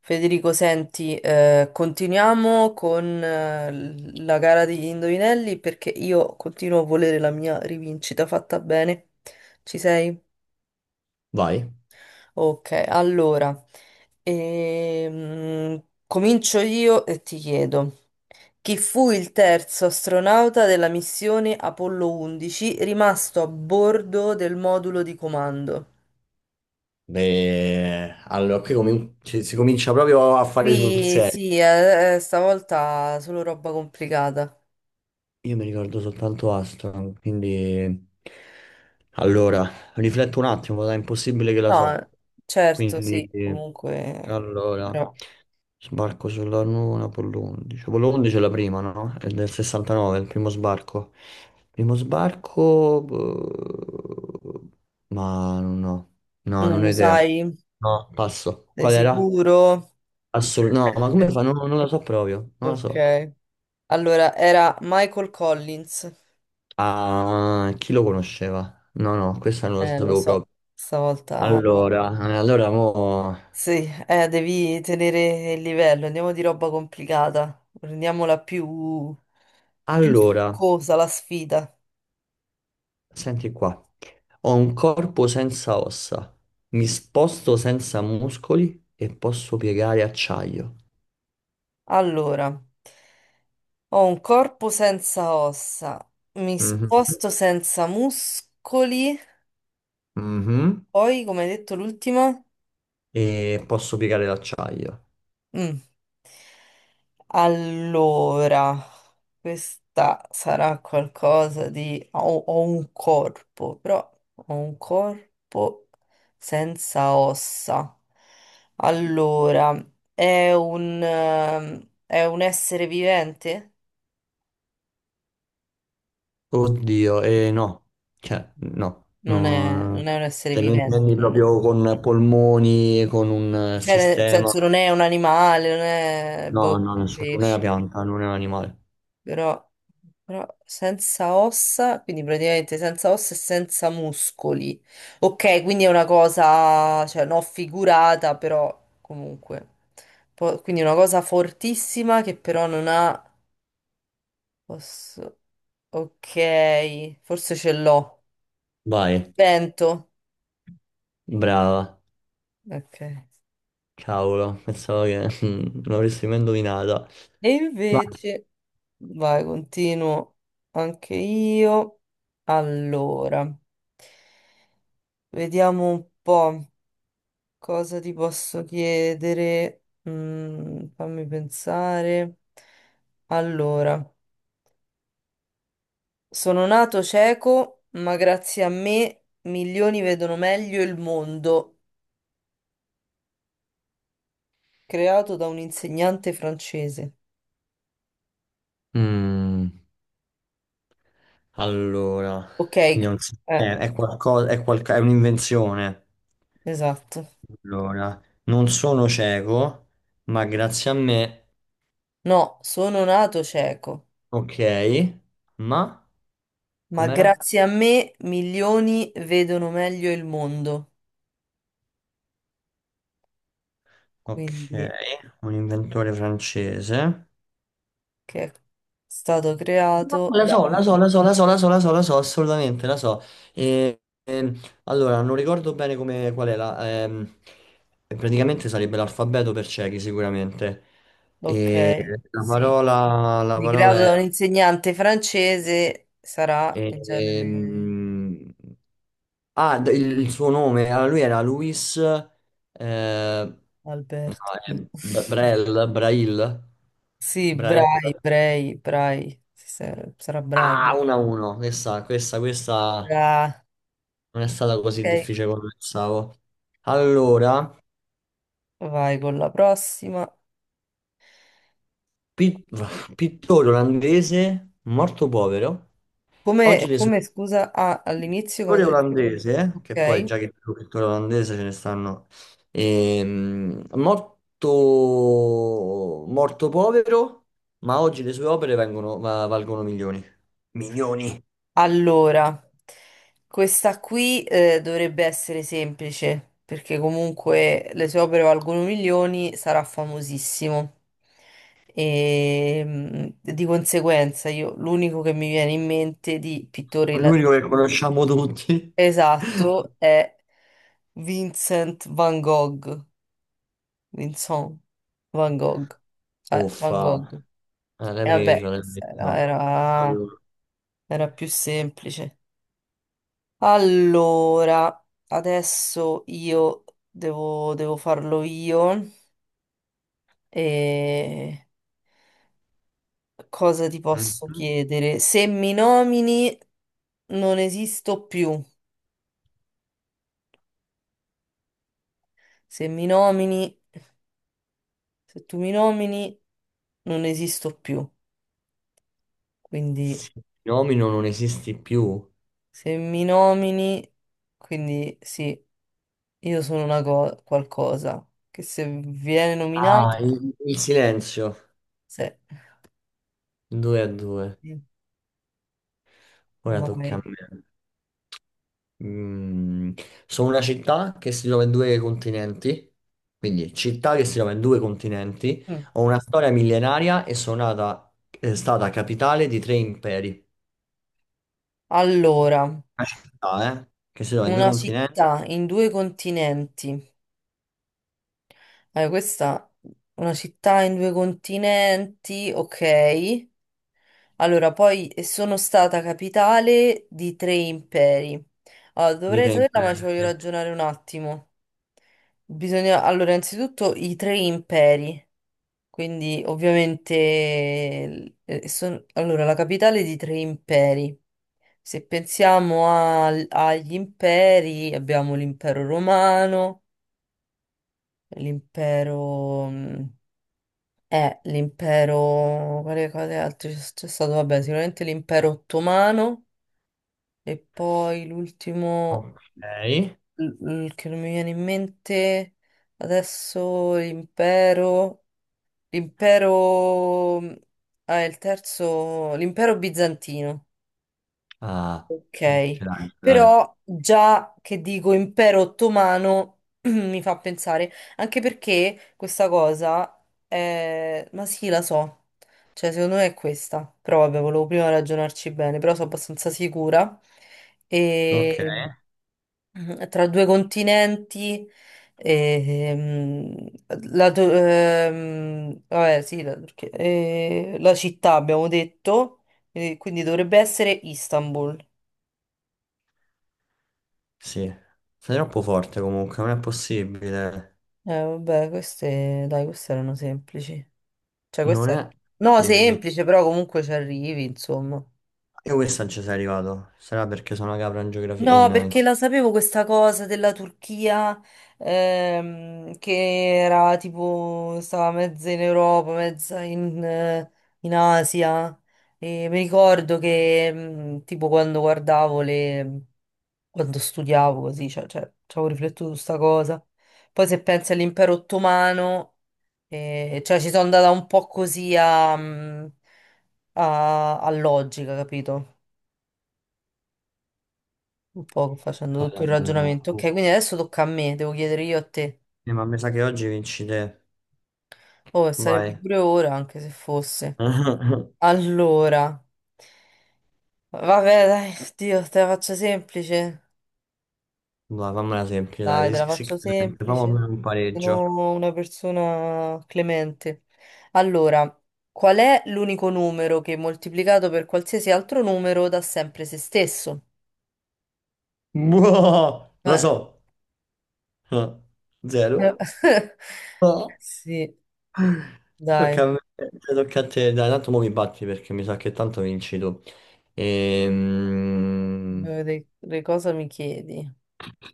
Federico, senti, continuiamo con la gara degli indovinelli perché io continuo a volere la mia rivincita fatta bene. Ci sei? Vai. Ok, allora, comincio io e ti chiedo, chi fu il terzo astronauta della missione Apollo 11 rimasto a bordo del modulo di comando? Beh, allora qui si comincia proprio a fare sul Qui serio. sì, stavolta solo roba complicata. Io mi ricordo soltanto Aston, quindi... Allora, rifletto un attimo, dai, è impossibile che la so. No, certo, sì, Quindi, comunque, allora, però sbarco sulla Luna, Apollo 11. Apollo 11 è la prima, no? È del 69, è il primo sbarco. Primo sbarco... boh, ma no, no, non non ho lo idea. sai, No, passo. sei Qual era? sicuro? Assolutamente, no, ma come fa? Non lo so proprio, non lo so. Ok. Allora, era Michael Collins. Ah, chi lo conosceva? No, no, questa non lo Lo sapevo so, proprio. stavolta... Allora, eh, allora, mo... Sì, devi tenere il livello, andiamo di roba complicata, rendiamola più, più allora, succosa la sfida. senti qua. Ho un corpo senza ossa, mi sposto senza muscoli e posso piegare acciaio. Allora, ho un corpo senza ossa, mi Mhm. sposto senza muscoli... Mhm. Poi, come hai detto, l'ultima? E posso piegare l'acciaio. Mm. Allora, questa sarà qualcosa di... Ho un corpo, però ho un corpo senza ossa. Allora, è un, è un essere vivente? Oddio, no, cioè Non è, non no, è un essere se lo vivente, intendi non è. proprio con polmoni, con un Cioè, nel sistema, senso, non è un animale, non è no, boh, no, un nessuno, non è una pesce. pianta, non è un animale. Però, però senza ossa, quindi praticamente senza ossa e senza muscoli. Ok, quindi è una cosa, cioè non figurata, però comunque. Po- quindi una cosa fortissima che però non ha... osso. Ok, forse ce l'ho. Vai, Vento. brava, Ok. E cavolo, pensavo che non l'avresti mai indovinata. Vai. invece, vai, continuo anche io. Allora, vediamo un po'. Cosa ti posso chiedere? Mm, fammi pensare. Allora, sono nato cieco, ma grazie a me milioni vedono meglio il mondo, creato da un insegnante francese. Mm, allora, Ok, quindi è un sistema, è qualcosa, è un'invenzione. esatto. Allora, non sono cieco, ma grazie a me No, sono nato cieco, ok, ma ma com'era? grazie a me milioni vedono meglio il mondo. Ok, Quindi, un inventore francese. che è stato creato La da... so, la so, la so, la so, la so, la so, la so, assolutamente, la so. E, ehm, allora, non ricordo bene come, qual è la... praticamente sarebbe l'alfabeto per ciechi, sicuramente. Ok, E sì. La Creato parola è... da un insegnante francese, sarà in genere ehm, ah, il suo nome, allora lui era Luis... eh, no, Alberto. è Brel, Brail, Sì, Brael. Brai, Brai, Brai, sì, sa- sarà Brai. Ah, 1-1. Questa Ah, non è stata così ok, difficile come pensavo. Allora, vai con la prossima. pi- pittore olandese, morto povero. Oggi Come, le sue... come, scusa, ah, all'inizio Pittore cosa? olandese, che poi Ok. già che più pittore olandese ce ne stanno... ehm, morto... morto povero, ma oggi le sue opere valgono milioni. Milioni. Allora, questa qui dovrebbe essere semplice, perché comunque le sue opere valgono milioni, sarà famosissimo. E mm, di conseguenza, io l'unico che mi viene in mente di pittore ila- L'unico che conosciamo tutti. esatto è Vincent Van Gogh. Vincent Van Gogh. Van Uffa, Gogh. E l'hai era preso, vabbè, l'hai lui. era, preso. era Allora, era più semplice. Allora, adesso io devo farlo io. E cosa ti posso mhm. chiedere? Se mi nomini, non esisto più. Se mi nomini, se tu mi nomini, non esisto più. Quindi, Nomino non esisti più. se mi nomini, quindi sì, io sono una cosa, qualcosa che se viene Ah, nominato, il silenzio. se... 2 a 2. Ora tocca a Vai. me. Mm, sono una città che si trova in due continenti. Quindi città che si trova in due continenti. Mm. Ho una storia millenaria e è stata capitale di tre imperi. Allora. Una città, eh? Che si trova in due Una continenti città in due continenti. Allora, questa una città in due continenti, ok. Allora, poi sono stata capitale di tre imperi. Allora, di dovrei tre saperla, imperi. ma ci voglio ragionare un attimo. Bisogna, allora, innanzitutto i tre imperi. Quindi, ovviamente, allora, la capitale di tre imperi. Se pensiamo agli imperi, abbiamo l'impero romano. L'impero... mm, eh, l'impero... Quali cose altre c'è stato? Vabbè, sicuramente l'impero ottomano e poi l'ultimo Ok. l- che non mi viene in mente adesso l'impero... L'impero... Ah, il terzo... L'impero bizantino. Ah, Ok, ce l'hai, ce l'hai. però già che dico impero ottomano mi fa pensare, anche perché questa cosa è... ma sì, la so, cioè secondo me è questa, però vabbè, volevo prima ragionarci bene, però sono abbastanza sicura. Ok. E mm, tra due continenti, e, mm, la, vabbè, sì, la, Turchia- la città abbiamo detto, quindi dovrebbe essere Istanbul. Sì. Sei troppo forte comunque, non è possibile. Vabbè, queste, dai, queste erano semplici. Cioè, Non questa era... è No, possibile. semplice, però comunque ci arrivi, insomma. E questa non ci sei arrivato. Sarà perché sono una capra in geografia. No, perché la sapevo questa cosa della Turchia, che era tipo, stava mezza in Europa, mezza in, in Asia. E mi ricordo che, mm, tipo, quando guardavo le... quando studiavo così, cioè, ci avevo riflettuto su sta cosa. Poi se pensi all'impero ottomano... E- cioè ci sono andata un po' così a, mm, a logica, capito? Un po' facendo Ah, tutto il no, no, no. ragionamento. Ok, quindi adesso tocca a me, devo chiedere io a te. Ma mi sa che oggi vinci te. Oh, e sarebbe Vai. pure ora, anche se fosse. Allora, vabbè, dai, Dio, te la faccio semplice. Vai, fammela semplice, Dai, dai. te Sì, la sì, faccio sicuramente. Fammi semplice. almeno un pareggio. Sono una persona clemente. Allora, qual è l'unico numero che moltiplicato per qualsiasi altro numero dà sempre se stesso? Boh, lo Eh. so. Ah, zero. Eh, sì, dai, Tocca a me, tocca a te, dai, tanto mo mi batti perché mi sa che tanto vinci tu. Ehm, voglio vedere che cosa mi chiedi.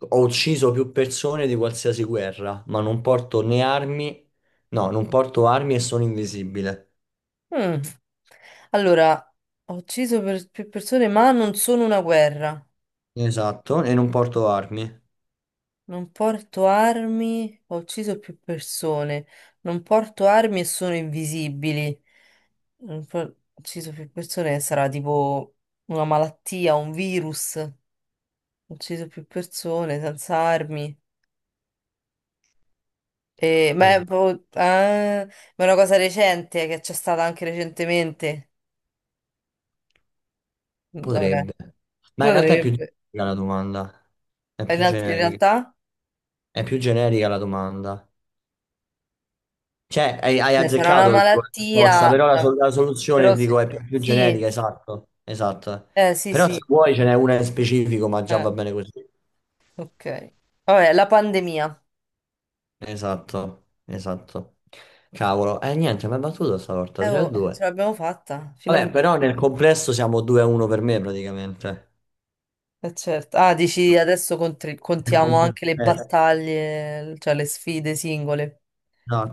ho ucciso più persone di qualsiasi guerra, ma non porto né armi, no, non porto armi e sono invisibile. Mm. Allora, ho ucciso per- più persone, ma non sono una guerra. Esatto, e non porto armi. Non porto armi, ho ucciso più persone. Non porto armi e sono invisibili. Non por- ho ucciso più persone, sarà tipo una malattia, un virus. Ho ucciso più persone senza armi. Ma è, Esatto. proprio- ah, ma è una cosa recente che c'è stata anche recentemente. Mm, vabbè, Potrebbe. Ma in realtà è più potrebbe. generica la domanda. È In, più alt- in generica. realtà? È più generica la domanda. Cioè, hai Beh, sarà una azzeccato la risposta, malattia, però la soluzione però dico, se- è più generica, sì, esatto, esatto. Sì, Però se sì, vuoi ce n'è una in specifico, ma già eh, va bene così. ok. Vabbè, la pandemia. Esatto, esatto. Cavolo, niente, mi ha battuto stavolta 3 a Oh, ce 2. l'abbiamo fatta, Vabbè, finalmente. però nel complesso siamo 2 a 1 per me praticamente. Certo. Ah, dici adesso contri- Nel contiamo anche le complesso, battaglie, cioè le sfide singole.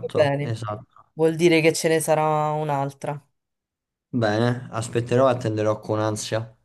Va bene, esatto. vuol dire che ce ne sarà un'altra. Bene, aspetterò e attenderò con ansia.